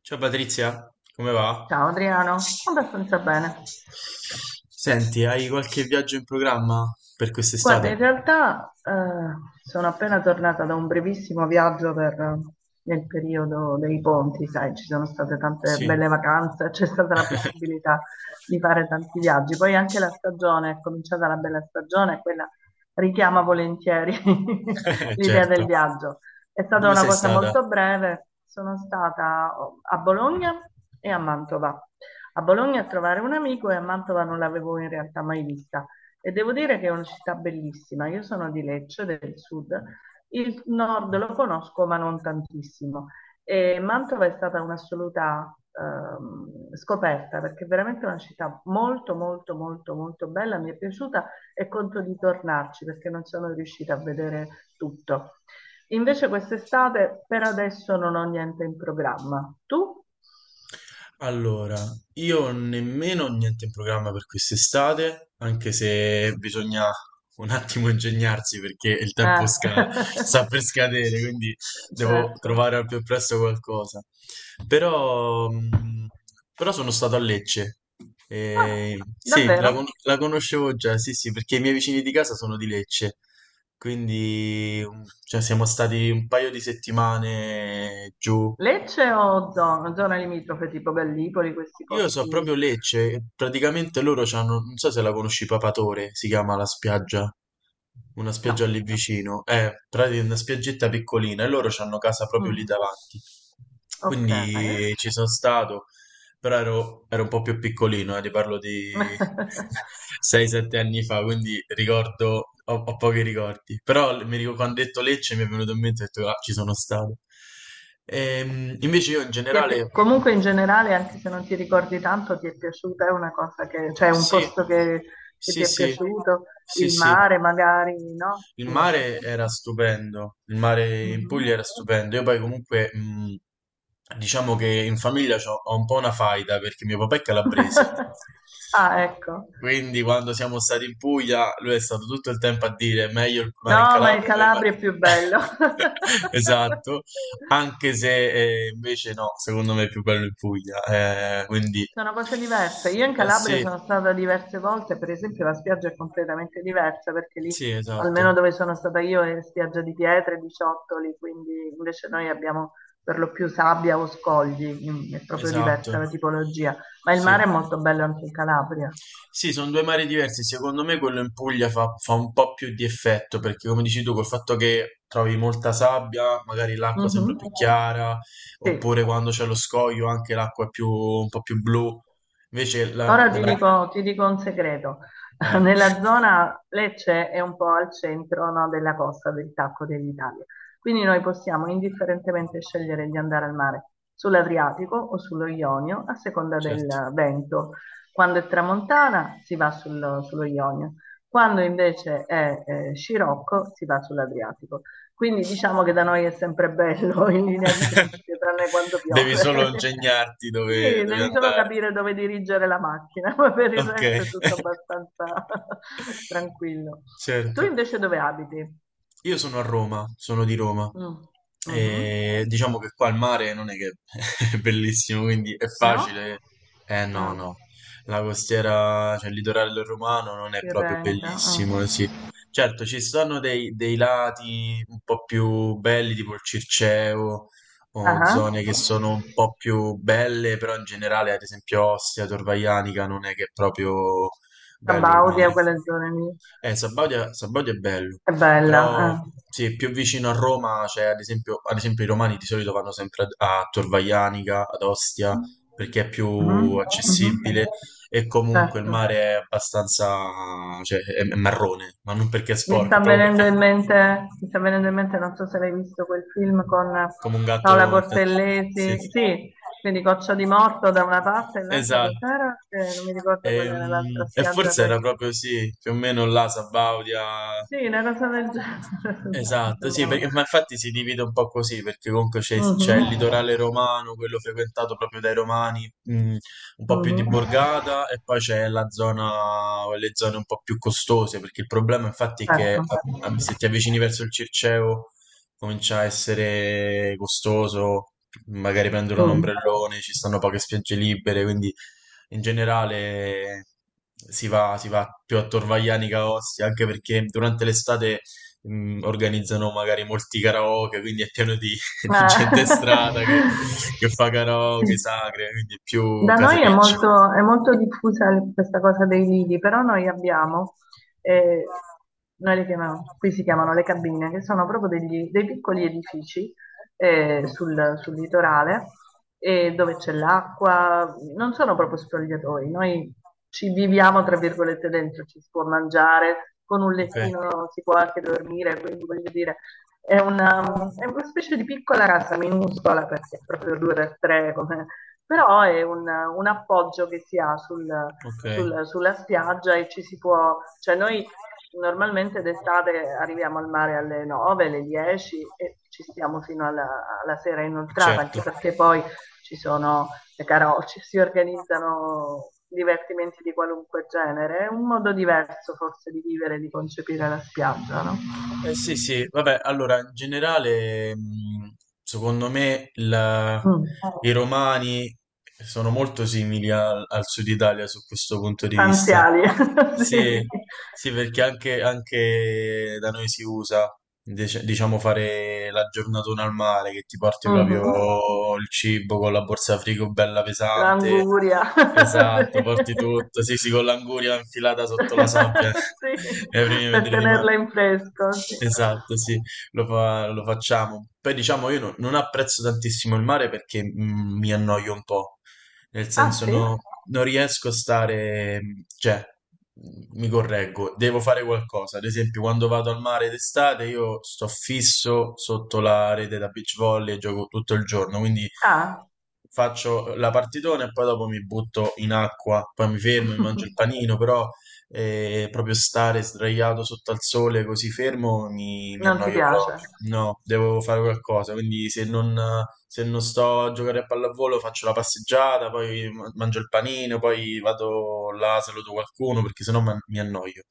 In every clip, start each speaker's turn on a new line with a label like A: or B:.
A: Ciao Patrizia, come va?
B: Ciao Adriano, abbastanza bene.
A: Senti, hai qualche viaggio in programma per
B: Guarda,
A: quest'estate?
B: in realtà sono appena tornata da un brevissimo viaggio nel periodo dei ponti, sai, ci sono state tante
A: Sì.
B: belle vacanze, c'è stata la possibilità di fare tanti viaggi. Poi anche la stagione, è cominciata la bella stagione, e quella richiama volentieri l'idea
A: Certo.
B: del viaggio. È stata
A: Dove
B: una
A: sei
B: cosa
A: stata?
B: molto breve, sono stata oh, a Bologna e a Mantova. A Bologna a trovare un amico e a Mantova non l'avevo in realtà mai vista. E devo dire che è una città bellissima. Io sono di Lecce, del sud. Il nord lo conosco, ma non tantissimo. E Mantova è stata un'assoluta scoperta, perché è veramente una città molto, molto, molto, molto bella. Mi è piaciuta e conto di tornarci, perché non sono riuscita a vedere tutto. Invece quest'estate, per adesso, non ho niente in programma. Tu?
A: Allora, io nemmeno ho niente in programma per quest'estate, anche se bisogna un attimo ingegnarsi perché
B: Eh.
A: sta per scadere, quindi devo
B: Certo.
A: trovare al più presto qualcosa. Però, però sono stato a Lecce.
B: Ah,
A: E sì,
B: davvero?
A: la conoscevo già, sì, sì, perché i miei vicini di casa sono di Lecce. Quindi, cioè, siamo stati un paio di settimane giù.
B: Lecce o zona? Zona limitrofe tipo Gallipoli, questi
A: Io so
B: posti?
A: proprio Lecce, praticamente loro c'hanno, non so se la conosci, Papatore, si chiama la spiaggia, una
B: No.
A: spiaggia lì vicino, è praticamente una spiaggetta piccolina e loro c'hanno casa proprio lì
B: Mm,
A: davanti.
B: ok.
A: Quindi ci sono stato, però ero un po' più piccolino, ti parlo di 6-7 anni fa, quindi ricordo, ho pochi ricordi, però mi ricordo quando ho detto Lecce mi è venuto in mente e ho detto, ah, ci sono stato. Invece io in
B: Ti è
A: generale...
B: pi- comunque in generale, anche se non ti ricordi tanto, ti è piaciuta? È una cosa che, cioè un
A: Sì,
B: posto che ti
A: sì,
B: è
A: sì,
B: piaciuto?
A: sì,
B: Il
A: sì.
B: mare magari, no?
A: Il
B: Sì,
A: mare era
B: abbastanza.
A: stupendo, il mare in Puglia
B: Mhm.
A: era stupendo. Io poi comunque, diciamo che in famiglia ho un po' una faida perché mio papà è calabrese.
B: Ah, ecco.
A: Quindi quando siamo stati in Puglia, lui è stato tutto il tempo a dire meglio il mare in
B: No, ma il
A: Calabria, meglio il mare-"
B: Calabria è più bello.
A: Esatto, anche se invece no, secondo me è più bello in Puglia. Quindi,
B: Sono cose diverse. Io in
A: eh
B: Calabria
A: sì.
B: sono stata diverse volte, per esempio la spiaggia è completamente diversa perché lì,
A: Sì, esatto,
B: almeno dove sono stata io, è spiaggia di pietre, di ciottoli, quindi invece noi abbiamo per lo più sabbia o scogli, è proprio
A: esatto.
B: diversa la tipologia. Ma il
A: Sì,
B: mare è molto bello anche in Calabria.
A: sì, sono due mari diversi. Secondo me quello in Puglia fa un po' più di effetto perché, come dici tu, col fatto che trovi molta sabbia, magari l'acqua sembra
B: Mhm.
A: più chiara,
B: Sì.
A: oppure quando c'è lo scoglio anche l'acqua è un po' più blu. Invece la,
B: Ora ti
A: la...
B: dico, ti dico un segreto.
A: Vai,
B: Nella zona Lecce è un po' al centro, no, della costa del Tacco dell'Italia, quindi noi possiamo indifferentemente scegliere di andare al mare sull'Adriatico o sullo Ionio a seconda
A: certo.
B: del vento. Quando è tramontana si va sullo Ionio, quando invece è scirocco si va sull'Adriatico. Quindi diciamo che da noi è sempre bello in linea di principio, tranne quando
A: Devi solo
B: piove.
A: ingegnarti
B: Sì,
A: dove
B: devi solo
A: andare.
B: capire dove dirigere la macchina, ma per il
A: Ok.
B: resto è tutto abbastanza tranquillo. Tu
A: Certo.
B: invece dove abiti?
A: Io sono a Roma, sono di Roma
B: Mm, mhm.
A: e diciamo che qua il mare non è che è bellissimo, quindi è
B: No?
A: facile. Eh no,
B: Mm.
A: no, la costiera, cioè il litorale romano non è proprio
B: Tirrenica.
A: bellissimo,
B: Mm.
A: sì. Certo, ci sono dei lati un po' più belli, tipo il Circeo,
B: Ah,
A: o
B: ah.
A: zone che sono un po' più belle, però in generale, ad esempio Ostia, Torvaianica, non è che è proprio bello il
B: Sabaudia,
A: mare.
B: quelle zone lì.
A: Sabaudia è bello,
B: È bella.
A: però
B: Eh.
A: sì, più vicino a Roma, c'è ad esempio i romani di solito vanno sempre a Tor Vaianica, ad Ostia, perché è
B: Mhm,
A: più
B: mhm.
A: accessibile e comunque il
B: Certo.
A: mare è abbastanza, cioè è marrone, ma non perché è
B: Mi sta
A: sporco, proprio perché
B: venendo in mente, mi sta venendo in mente, non so se l'hai visto quel film con
A: come un
B: Paola
A: gatto intanto. Sì,
B: Portellesi,
A: sì.
B: sì, quindi Coccia di Morto da una parte e l'altra
A: Esatto.
B: cos'era? Che non mi ricordo
A: E,
B: qual era l'altra
A: e
B: spiaggia.
A: forse era
B: Quella.
A: proprio sì, più o meno là, Sabaudia.
B: Sì, una cosa del genere.
A: Esatto, sì,
B: Sembrava.
A: perché, ma infatti si divide un po' così, perché comunque c'è il
B: Mhm,
A: litorale romano, quello frequentato proprio dai romani, mm, un po' più di
B: mhm,
A: borgata, e poi c'è le zone un po' più costose, perché il problema infatti è che
B: Ecco.
A: se ti avvicini verso il Circeo comincia a essere costoso, magari prendere un
B: Mm.
A: ombrellone, ci stanno poche spiagge libere, quindi in generale si va più a Torvagliani che a Ostia, anche perché durante l'estate organizzano magari molti karaoke, quindi è pieno di, di
B: Ah.
A: gente in strada che fa karaoke,
B: Sì.
A: sacre, quindi è più
B: Da noi è
A: casereccio.
B: molto, è molto diffusa questa cosa dei lidi, però noi abbiamo, eh, noi le chiamiamo, qui si chiamano le cabine, che sono proprio dei piccoli edifici sul litorale e dove c'è l'acqua, non sono proprio spogliatoi, noi ci viviamo tra virgolette dentro, ci si può mangiare, con un
A: Ok.
B: lettino si può anche dormire, quindi voglio dire, è una, è una specie di piccola casa minuscola perché è proprio due per tre però è un appoggio che si ha
A: Ok.
B: sulla spiaggia e ci si può, cioè noi normalmente d'estate arriviamo al mare alle 9, alle 10 e ci stiamo fino alla sera inoltrata,
A: Certo.
B: anche perché poi ci sono le caroci, si organizzano divertimenti di qualunque genere, è un modo diverso forse di vivere, di concepire la spiaggia, no?
A: Eh sì, sì, vabbè, allora in generale, secondo me
B: Mm.
A: i romani sono molto simili al, al Sud Italia su questo punto di vista.
B: Stanziali,
A: Sì,
B: sì.
A: sì, perché anche da noi si usa, diciamo, fare la giornatona al mare, che ti porti
B: Mhm.
A: proprio il cibo con la borsa frigo bella pesante.
B: L'anguria,
A: Esatto, porti
B: sì.
A: tutto, sì, sì, con l'anguria infilata sotto la sabbia
B: Sì,
A: ai primi
B: per
A: metri di mare.
B: tenerla in fresco, sì.
A: Esatto, sì, lo facciamo. Poi diciamo, io non apprezzo tantissimo il mare perché mi annoio un po', nel
B: Ah
A: senso
B: sì?
A: non riesco a stare, cioè, mi correggo, devo fare qualcosa. Ad esempio, quando vado al mare d'estate io sto fisso sotto la rete da beach volley e gioco tutto il giorno, quindi
B: Ah,
A: faccio la partitona e poi dopo mi butto in acqua, poi mi fermo, mi mangio il panino, però proprio stare sdraiato sotto al sole così fermo mi
B: non ti
A: annoio proprio.
B: piace?
A: No, devo fare qualcosa, quindi se non sto a giocare a pallavolo faccio la passeggiata, poi mangio il panino, poi vado là, saluto qualcuno, perché sennò mi annoio.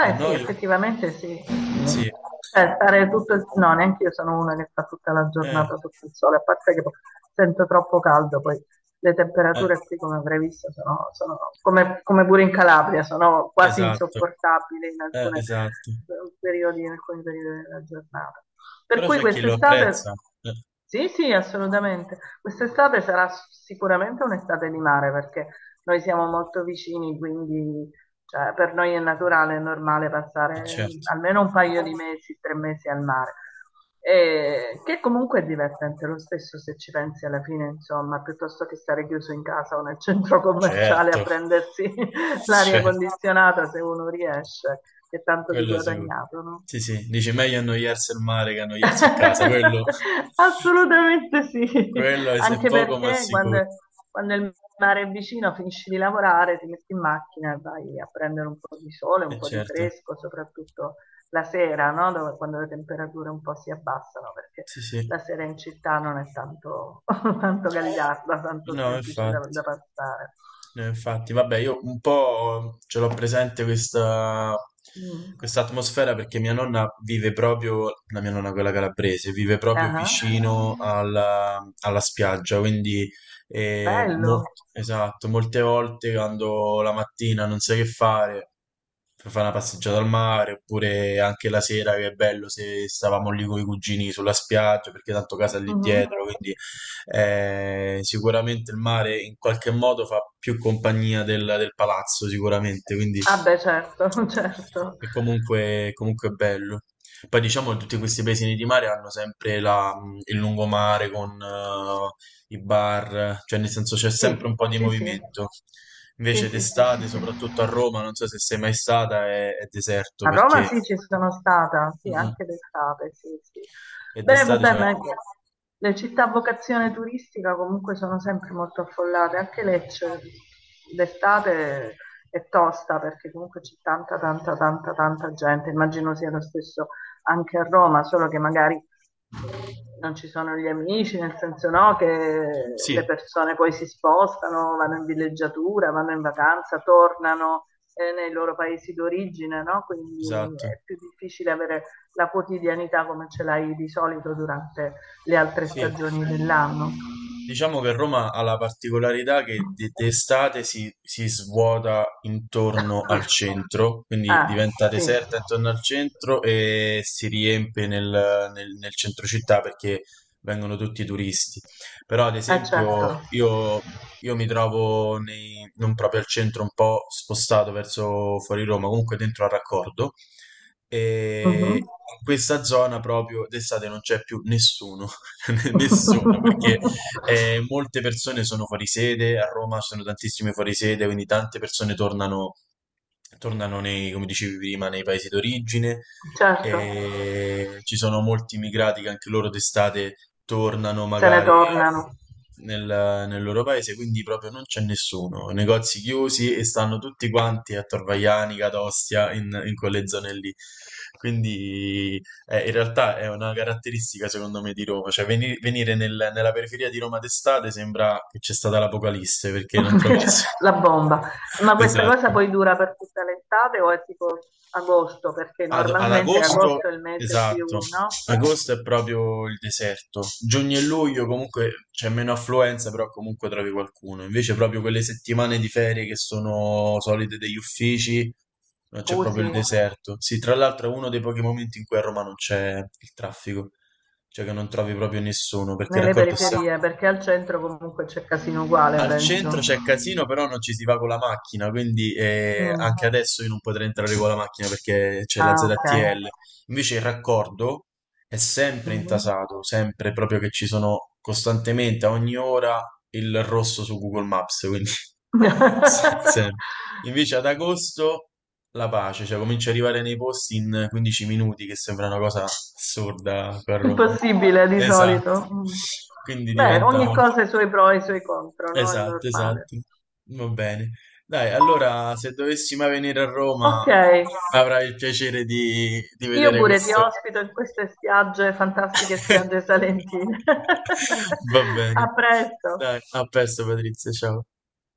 A: Mi
B: sì,
A: annoio?
B: effettivamente sì.
A: Sì.
B: Cioè, stare tutto il... No, neanche io sono una che sta tutta la
A: Eh,
B: giornata sotto il sole, a parte che sento troppo caldo, poi le
A: eh.
B: temperature qui, come avrai visto, sono come pure in Calabria, sono quasi
A: Esatto,
B: insopportabili in alcune
A: esatto.
B: periodi, in alcuni periodi della giornata. Per
A: Però
B: cui
A: c'è chi lo
B: quest'estate,
A: apprezza, eh,
B: sì, sì, assolutamente, quest'estate sarà sicuramente un'estate di mare, perché noi siamo molto vicini, quindi cioè, per noi è naturale, è normale
A: e
B: passare
A: certo.
B: almeno un paio di mesi, 3 mesi al mare. Che comunque è divertente lo stesso se ci pensi alla fine, insomma, piuttosto che stare chiuso in casa o nel centro commerciale
A: Certo,
B: a prendersi l'aria
A: certo,
B: condizionata se uno riesce, che tanto di
A: quello sicuro.
B: guadagnato, no?
A: Sì, sì, dice meglio annoiarsi al mare che annoiarsi a casa, quello,
B: Assolutamente sì,
A: quello è
B: anche
A: poco ma
B: perché
A: sicuro,
B: quando il mare è vicino finisci di lavorare, ti metti in macchina e vai a prendere un po' di sole,
A: e
B: un po' di
A: certo,
B: fresco, soprattutto la sera, no? Quando le temperature un po' si abbassano, perché
A: sì, sì,
B: la sera in città non è tanto, tanto gagliarda, tanto
A: no,
B: semplice da,
A: infatti.
B: da passare.
A: Infatti, vabbè, io un po' ce l'ho presente questa,
B: Mm.
A: questa atmosfera perché mia nonna vive proprio, la mia nonna quella calabrese, vive proprio
B: Ah,
A: vicino alla spiaggia, quindi eh, mol-
B: bello.
A: esatto, molte volte quando la mattina non sai che fare, per fare una passeggiata al mare, oppure anche la sera che è bello se stavamo lì con i cugini sulla spiaggia, perché tanto casa è lì
B: Mhm.
A: dietro, quindi sicuramente il mare in qualche modo fa più compagnia del palazzo, sicuramente, quindi
B: Ah beh, certo, certo.
A: è comunque bello. Poi diciamo che tutti questi paesini di mare hanno sempre il lungomare con i bar, cioè nel senso c'è sempre
B: Sì,
A: un po' di
B: sì, sì.
A: movimento.
B: Sì,
A: Invece
B: sì, sì, sì,
A: d'estate,
B: sì.
A: soprattutto a Roma, non so se sei mai stata, è deserto
B: A Roma
A: perché...
B: sì, ci sono stata, sì,
A: Mm, mm.
B: anche d'estate, sì, sì.
A: E
B: Beh,
A: d'estate
B: vabbè,
A: c'è...
B: ma le città a vocazione turistica comunque sono sempre molto affollate, anche Lecce d'estate è tosta perché comunque c'è tanta, tanta, tanta, tanta gente. Immagino sia lo stesso anche a Roma, solo che magari non ci sono gli amici, nel senso no, che
A: Sì,
B: le persone poi si spostano, vanno in villeggiatura, vanno in vacanza, tornano nei loro paesi d'origine, no? Quindi
A: esatto.
B: è più difficile avere la quotidianità come ce l'hai di solito durante le altre
A: Sì.
B: stagioni dell'anno.
A: Diciamo che Roma ha la particolarità che d'estate si svuota intorno al centro, quindi
B: Ah,
A: diventa
B: sì,
A: deserta intorno al centro e si riempie nel centro città perché vengono tutti i turisti. Però, ad
B: ah,
A: esempio,
B: certo.
A: io mi trovo non proprio al centro, un po' spostato verso fuori Roma, comunque dentro al raccordo. E
B: Mhm.
A: in questa zona proprio d'estate non c'è più nessuno, nessuno, perché molte persone sono fuori sede, a Roma ci sono tantissime fuori sede, quindi tante persone tornano, tornano come dicevi prima, nei paesi d'origine.
B: Certo,
A: E ci sono molti immigrati che anche loro d'estate tornano
B: se ne
A: magari
B: tornano.
A: nel loro paese, quindi proprio non c'è nessuno, negozi chiusi e stanno tutti quanti a Torvaiani, Catostia, in quelle zone lì. Quindi in realtà è una caratteristica secondo me di Roma, cioè nella periferia di Roma d'estate sembra che c'è stata l'apocalisse perché non trovi
B: Cioè,
A: nessuno.
B: la bomba. Ma questa cosa
A: Esatto.
B: poi dura per tutta l'estate o è tipo agosto? Perché
A: Ad
B: normalmente
A: agosto,
B: agosto è il mese più,
A: esatto,
B: no?
A: agosto è proprio il deserto. Giugno e luglio comunque c'è meno affluenza, però comunque trovi qualcuno. Invece proprio quelle settimane di ferie che sono solite degli uffici, c'è proprio
B: Usi.
A: il deserto. Sì, tra l'altro è uno dei pochi momenti in cui a Roma non c'è il traffico, cioè che non trovi proprio nessuno, perché il
B: Nelle
A: raccordo è sempre...
B: periferie, perché al centro comunque c'è casino uguale,
A: Al centro
B: penso.
A: c'è casino, però non ci si va con la macchina, quindi
B: Mm.
A: anche adesso io non potrei entrare con la macchina perché c'è la
B: Ah, ok.
A: ZTL. Invece il raccordo è sempre
B: Mhm.
A: intasato, sempre proprio che ci sono costantemente a ogni ora il rosso su Google Maps, quindi sempre. Invece ad agosto la pace, cioè comincia ad arrivare nei posti in 15 minuti, che sembra una cosa assurda qua a Roma.
B: Impossibile di
A: Esatto.
B: solito. Mm.
A: Quindi
B: Beh,
A: diventa
B: ogni
A: molto.
B: cosa ha i suoi pro e i suoi contro, no? È
A: Esatto,
B: normale.
A: esatto. Va bene. Dai, allora se dovessi mai venire a Roma
B: Ok,
A: avrai il piacere di
B: io
A: vedere
B: pure ti
A: questo.
B: ospito in queste spiagge, fantastiche spiagge salentine.
A: Va bene.
B: A presto.
A: Dai, a presto Patrizia, ciao.